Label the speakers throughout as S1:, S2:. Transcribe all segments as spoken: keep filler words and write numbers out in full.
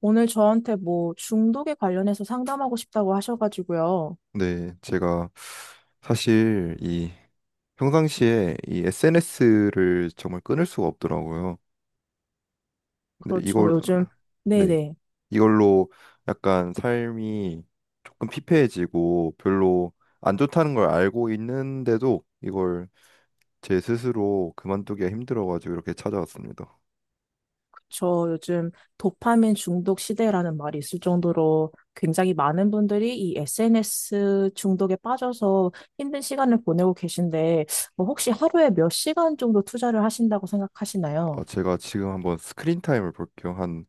S1: 오늘 저한테 뭐 중독에 관련해서 상담하고 싶다고 하셔가지고요.
S2: 네, 제가 사실 이 평상시에 이 에스엔에스를 정말 끊을 수가 없더라고요. 근데
S1: 그렇죠.
S2: 이걸
S1: 요즘,
S2: 네,
S1: 네네.
S2: 이걸로 약간 삶이 조금 피폐해지고 별로 안 좋다는 걸 알고 있는데도 이걸 제 스스로 그만두기가 힘들어가지고 이렇게 찾아왔습니다.
S1: 그쵸. 요즘 도파민 중독 시대라는 말이 있을 정도로 굉장히 많은 분들이 이 에스엔에스 중독에 빠져서 힘든 시간을 보내고 계신데, 뭐 혹시 하루에 몇 시간 정도 투자를 하신다고
S2: 아,
S1: 생각하시나요?
S2: 제가 지금 한번 스크린 타임을 볼게요. 한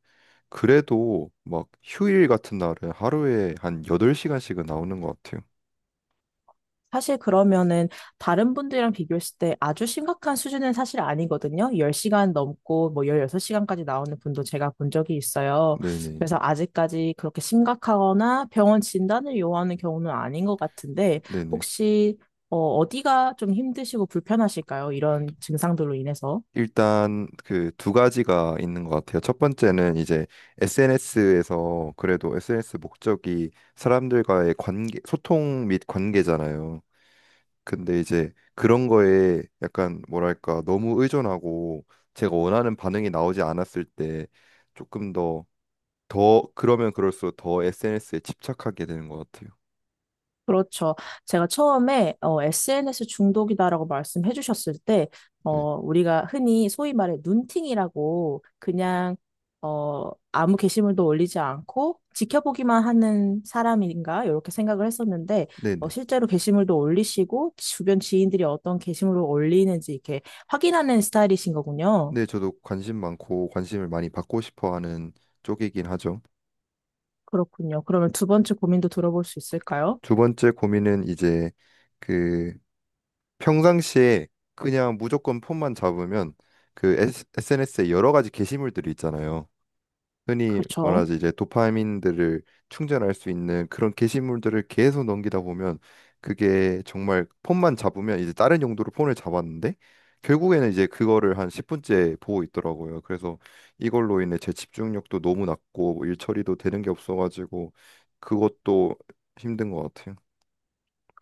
S2: 그래도 막 휴일 같은 날은 하루에 한 여덟 시간씩은 나오는 것 같아요.
S1: 사실 그러면은 다른 분들이랑 비교했을 때 아주 심각한 수준은 사실 아니거든요. 십 시간 넘고 뭐 십육 시간까지 나오는 분도 제가 본 적이 있어요.
S2: 네네.
S1: 그래서 아직까지 그렇게 심각하거나 병원 진단을 요하는 경우는 아닌 것 같은데
S2: 네네.
S1: 혹시 어, 어디가 좀 힘드시고 불편하실까요? 이런 증상들로 인해서.
S2: 일단 그 두 가지가 있는 것 같아요. 첫 번째는 이제 에스엔에스에서, 그래도 에스엔에스 목적이 사람들과의 관계, 소통 및 관계잖아요. 근데 이제 그런 거에 약간 뭐랄까 너무 의존하고, 제가 원하는 반응이 나오지 않았을 때 조금 더, 더 그러면 그럴수록 더 에스엔에스에 집착하게 되는 것 같아요.
S1: 그렇죠. 제가 처음에 어, 에스엔에스 중독이다라고 말씀해 주셨을 때,
S2: 네.
S1: 어, 우리가 흔히 소위 말해 눈팅이라고 그냥 어, 아무 게시물도 올리지 않고 지켜보기만 하는 사람인가 이렇게 생각을 했었는데 어,
S2: 네네.
S1: 실제로 게시물도 올리시고 주변 지인들이 어떤 게시물을 올리는지 이렇게 확인하는 스타일이신 거군요.
S2: 네, 저도 관심 많고 관심을 많이 받고 싶어 하는 쪽이긴 하죠.
S1: 그렇군요. 그러면 두 번째 고민도 들어볼 수 있을까요?
S2: 두 번째 고민은 이제 그 평상시에 그냥 무조건 폰만 잡으면 그 에스엔에스에 여러 가지 게시물들이 있잖아요. 흔히
S1: 그렇죠.
S2: 말하지, 이제 도파민들을 충전할 수 있는 그런 게시물들을 계속 넘기다 보면, 그게 정말 폰만 잡으면 이제 다른 용도로 폰을 잡았는데 결국에는 이제 그거를 한 십 분째 보고 있더라고요. 그래서 이걸로 인해 제 집중력도 너무 낮고 뭐 일 처리도 되는 게 없어가지고 그것도 힘든 것 같아요.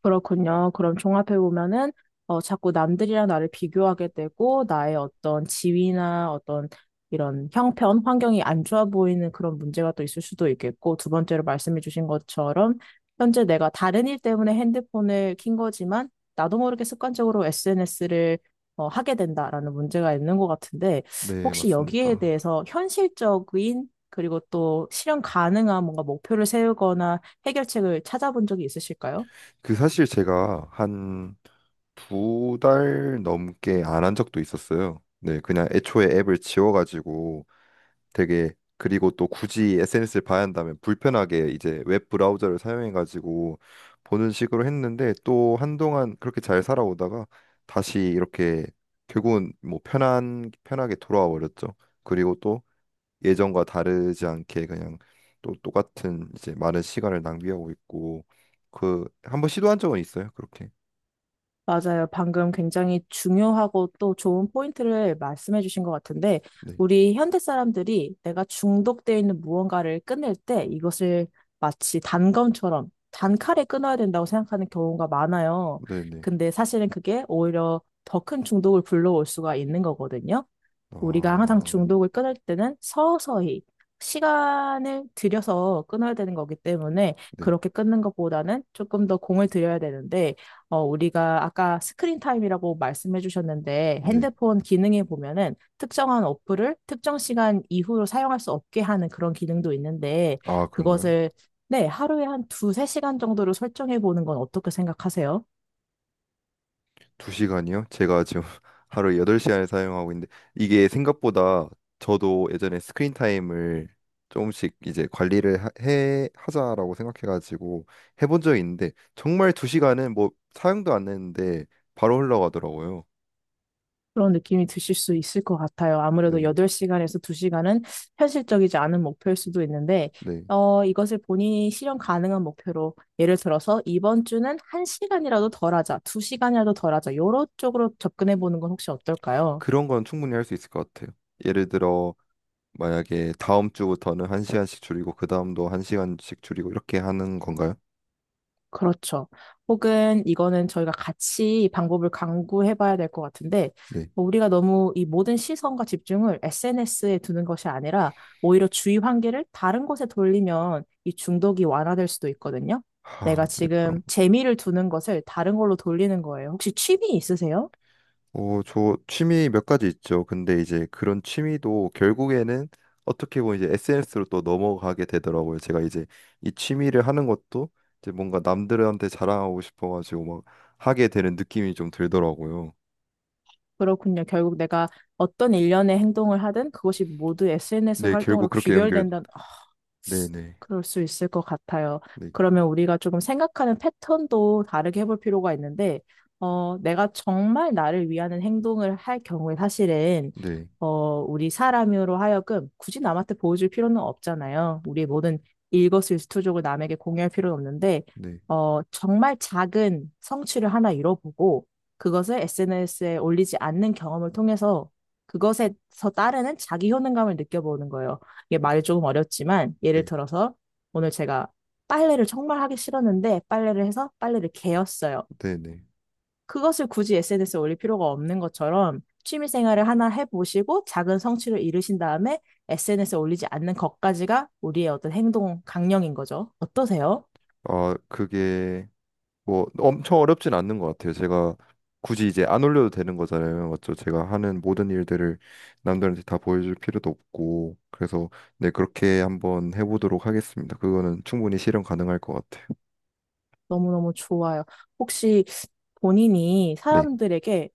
S1: 그렇군요. 그럼 종합해 보면은 어 자꾸 남들이랑 나를 비교하게 되고 나의 어떤 지위나 어떤 이런 형편, 환경이 안 좋아 보이는 그런 문제가 또 있을 수도 있겠고 두 번째로 말씀해 주신 것처럼 현재 내가 다른 일 때문에 핸드폰을 킨 거지만 나도 모르게 습관적으로 에스엔에스를 어, 하게 된다라는 문제가 있는 것 같은데
S2: 네,
S1: 혹시 여기에
S2: 맞습니다.
S1: 대해서 현실적인 그리고 또 실현 가능한 뭔가 목표를 세우거나 해결책을 찾아본 적이 있으실까요?
S2: 그 사실 제가 한 두 달 넘게 안 한 적도 있었어요. 네, 그냥 애초에 앱을 지워가지고, 되게 그리고 또 굳이 에스엔에스를 봐야 한다면 불편하게 이제 웹 브라우저를 사용해가지고 보는 식으로 했는데, 또 한동안 그렇게 잘 살아오다가 다시 이렇게 결국은 뭐 편한 편하게 돌아와 버렸죠. 그리고 예전과 다르지 않게 그냥 또 똑같은 이제 많은 시간을 낭비하고 있고, 그 한번 시도한 적은 있어요. 그렇게.
S1: 맞아요. 방금 굉장히 중요하고 또 좋은 포인트를 말씀해 주신 것 같은데,
S2: 네.
S1: 우리 현대 사람들이 내가 중독되어 있는 무언가를 끊을 때 이것을 마치 단검처럼 단칼에 끊어야 된다고 생각하는 경우가 많아요.
S2: 네, 네.
S1: 근데 사실은 그게 오히려 더 큰 중독을 불러올 수가 있는 거거든요. 우리가 항상
S2: 아.
S1: 중독을 끊을 때는 서서히 시간을 들여서 끊어야 되는 거기 때문에
S2: 네.
S1: 그렇게 끊는 것보다는 조금 더 공을 들여야 되는데, 어, 우리가 아까 스크린 타임이라고 말씀해 주셨는데,
S2: 네.
S1: 핸드폰 기능에 보면은 특정한 어플을 특정 시간 이후로 사용할 수 없게 하는 그런 기능도 있는데,
S2: 아, 그런가요?
S1: 그것을 네, 하루에 한 두세 시간 정도로 설정해 보는 건 어떻게 생각하세요?
S2: 두 시간이요? 제가 지금 하루 여덟 시간을 사용하고 있는데 이게 생각보다, 저도 예전에 스크린 타임을 조금씩 이제 관리를 하- 해 하자라고 생각해 가지고 해본 적이 있는데, 정말 두 시간은 뭐 사용도 안 했는데 바로 흘러가더라고요.
S1: 그런 느낌이 드실 수 있을 것 같아요. 아무래도
S2: 네.
S1: 여덟 시간에서 두 시간은 현실적이지 않은 목표일 수도 있는데,
S2: 네.
S1: 어, 이것을 본인이 실현 가능한 목표로, 예를 들어서 이번 주는 한 시간이라도 덜 하자, 두 시간이라도 덜 하자, 요런 쪽으로 접근해 보는 건 혹시 어떨까요?
S2: 그런 건 충분히 할 수 있을 것 같아요. 예를 들어 만약에 다음 주부터는 한 시간씩 줄이고 그 다음도 한 시간씩 줄이고 이렇게 하는 건가요?
S1: 그렇죠. 혹은 이거는 저희가 같이 방법을 강구해 봐야 될 것 같은데,
S2: 네.
S1: 뭐 우리가 너무 이 모든 시선과 집중을 에스엔에스에 두는 것이 아니라, 오히려 주의 환기를 다른 곳에 돌리면 이 중독이 완화될 수도 있거든요. 내가
S2: 하, 네 그럼.
S1: 지금 재미를 두는 것을 다른 걸로 돌리는 거예요. 혹시 취미 있으세요?
S2: 어, 저 취미 몇 가지 있죠. 근데 이제 그런 취미도 결국에는 어떻게 보면 이제 에스엔에스로 또 넘어가게 되더라고요. 제가 이제 이 취미를 하는 것도 이제 뭔가 남들한테 자랑하고 싶어가지고 막 하게 되는 느낌이 좀 들더라고요.
S1: 그렇군요. 결국 내가 어떤 일련의 행동을 하든 그것이 모두 에스엔에스
S2: 네, 결국
S1: 활동으로
S2: 그렇게 연결.
S1: 귀결된다,
S2: 네네.
S1: 그럴 수 있을 것 같아요.
S2: 네,
S1: 그러면 우리가 조금 생각하는 패턴도 다르게 해볼 필요가 있는데, 어, 내가 정말 나를 위하는 행동을 할 경우에 사실은,
S2: 네,
S1: 어, 우리 사람으로 하여금 굳이 남한테 보여줄 필요는 없잖아요. 우리의 모든 일거수일투족을 남에게 공유할 필요는 없는데,
S2: 네, 네,
S1: 어, 정말 작은 성취를 하나 이뤄보고, 그것을 에스엔에스에 올리지 않는 경험을 통해서 그것에서 따르는 자기 효능감을 느껴보는 거예요. 이게 말이 조금 어렵지만 예를
S2: 네,
S1: 들어서 오늘 제가 빨래를 정말 하기 싫었는데 빨래를 해서 빨래를 개었어요.
S2: 네. 네.
S1: 그것을 굳이 에스엔에스에 올릴 필요가 없는 것처럼 취미 생활을 하나 해보시고 작은 성취를 이루신 다음에 에스엔에스에 올리지 않는 것까지가 우리의 어떤 행동 강령인 거죠. 어떠세요?
S2: 아, 그게 뭐 엄청 어렵진 않는 것 같아요. 제가 굳이 이제 안 올려도 되는 거잖아요. 맞죠? 제가 하는 모든 일들을 남들한테 다 보여줄 필요도 없고. 그래서 네, 그렇게 한번 해보도록 하겠습니다. 그거는 충분히 실현 가능할 것 같아요.
S1: 너무너무 좋아요. 혹시 본인이
S2: 네.
S1: 사람들에게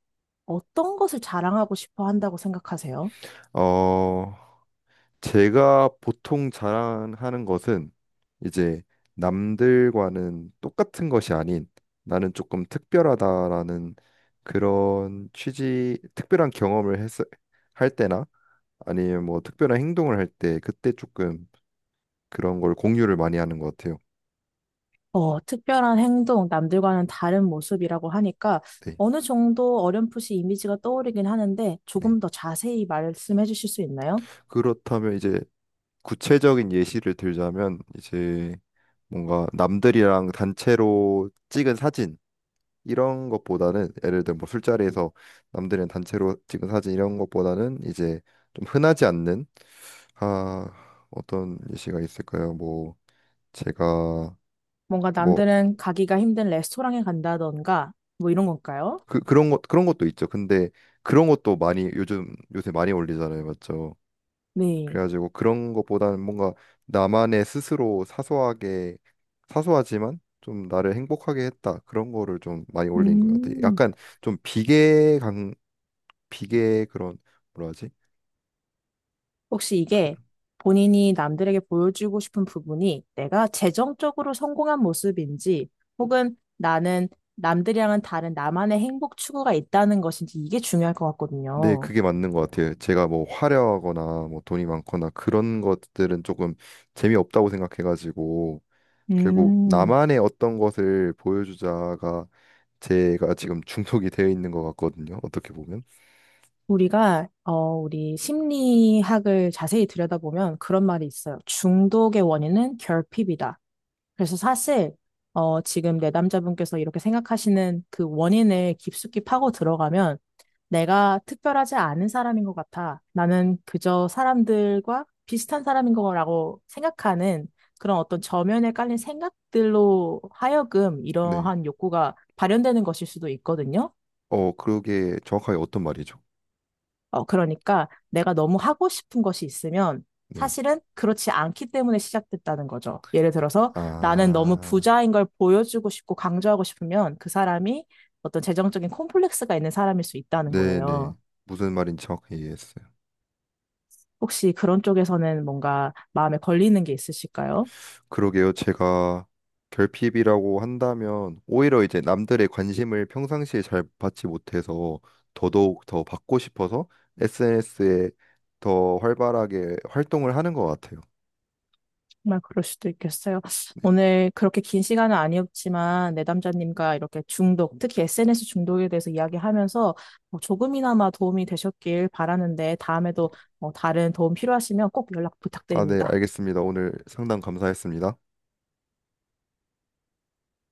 S1: 어떤 것을 자랑하고 싶어 한다고 생각하세요?
S2: 어, 제가 보통 자랑하는 것은 이제 남들과는 똑같은 것이 아닌 나는 조금 특별하다라는 그런 취지, 특별한 경험을 했, 할 때나 아니면 뭐 특별한 행동을 할 때, 그때 조금 그런 걸 공유를 많이 하는 것 같아요.
S1: 어, 특별한 행동, 남들과는 다른 모습이라고 하니까
S2: 네,
S1: 어느 정도 어렴풋이 이미지가 떠오르긴 하는데
S2: 네.
S1: 조금 더 자세히 말씀해 주실 수 있나요?
S2: 그렇다면 이제 구체적인 예시를 들자면, 이제 뭔가 남들이랑 단체로 찍은 사진 이런 것보다는, 예를 들어 뭐 술자리에서 남들이랑 단체로 찍은 사진 이런 것보다는, 이제 좀 흔하지 않는, 아 어떤 예시가 있을까요? 뭐 제가
S1: 뭔가
S2: 뭐
S1: 남들은 가기가 힘든 레스토랑에 간다던가 뭐 이런 건가요?
S2: 그, 그런 것 그런 것도 있죠. 근데 그런 것도 많이 요즘 요새 많이 올리잖아요. 맞죠?
S1: 네.
S2: 그래가지고 그런 것보다는 뭔가 나만의 스스로 사소하게, 사소하지만 좀 나를 행복하게 했다 그런 거를 좀 많이 올린 것 같아요.
S1: 음,
S2: 약간 좀 비계 강 비계 그런, 뭐라 하지?
S1: 혹시
S2: 그,
S1: 이게 본인이 남들에게 보여주고 싶은 부분이 내가 재정적으로 성공한 모습인지 혹은 나는 남들이랑은 다른 나만의 행복 추구가 있다는 것인지 이게 중요할 것
S2: 네
S1: 같거든요.
S2: 그게 맞는 것 같아요. 제가 뭐 화려하거나 뭐 돈이 많거나 그런 것들은 조금 재미없다고 생각해가지고, 결국
S1: 음.
S2: 나만의 어떤 것을 보여주자가 제가 지금 중독이 되어 있는 것 같거든요. 어떻게 보면.
S1: 우리가, 어, 우리 심리학을 자세히 들여다보면 그런 말이 있어요. 중독의 원인은 결핍이다. 그래서 사실, 어, 지금 내 남자분께서 이렇게 생각하시는 그 원인을 깊숙이 파고 들어가면 내가 특별하지 않은 사람인 것 같아. 나는 그저 사람들과 비슷한 사람인 거라고 생각하는 그런 어떤 저면에 깔린 생각들로 하여금
S2: 네.
S1: 이러한 욕구가 발현되는 것일 수도 있거든요.
S2: 어, 그게 정확하게 어떤 말이죠?
S1: 어, 그러니까 내가 너무 하고 싶은 것이 있으면
S2: 네.
S1: 사실은 그렇지 않기 때문에 시작됐다는 거죠. 예를 들어서 나는 너무
S2: 아,
S1: 부자인 걸 보여주고 싶고 강조하고 싶으면 그 사람이 어떤 재정적인 콤플렉스가 있는 사람일 수 있다는
S2: 네네.
S1: 거예요.
S2: 무슨 말인지 정확히 이해했어요.
S1: 혹시 그런 쪽에서는 뭔가 마음에 걸리는 게 있으실까요?
S2: 그러게요. 제가 결핍이라고 한다면 오히려 이제 남들의 관심을 평상시에 잘 받지 못해서 더더욱 더 받고 싶어서 에스엔에스에 더 활발하게 활동을 하는 것 같아요.
S1: 정말 그럴 수도 있겠어요.
S2: 네.
S1: 오늘 그렇게 긴 시간은 아니었지만 내담자님과 이렇게 중독, 특히 에스엔에스 중독에 대해서 이야기하면서 뭐 조금이나마 도움이 되셨길 바라는데 다음에도 뭐 다른 도움 필요하시면 꼭 연락
S2: 아, 네.
S1: 부탁드립니다.
S2: 알겠습니다. 오늘 상담 감사했습니다.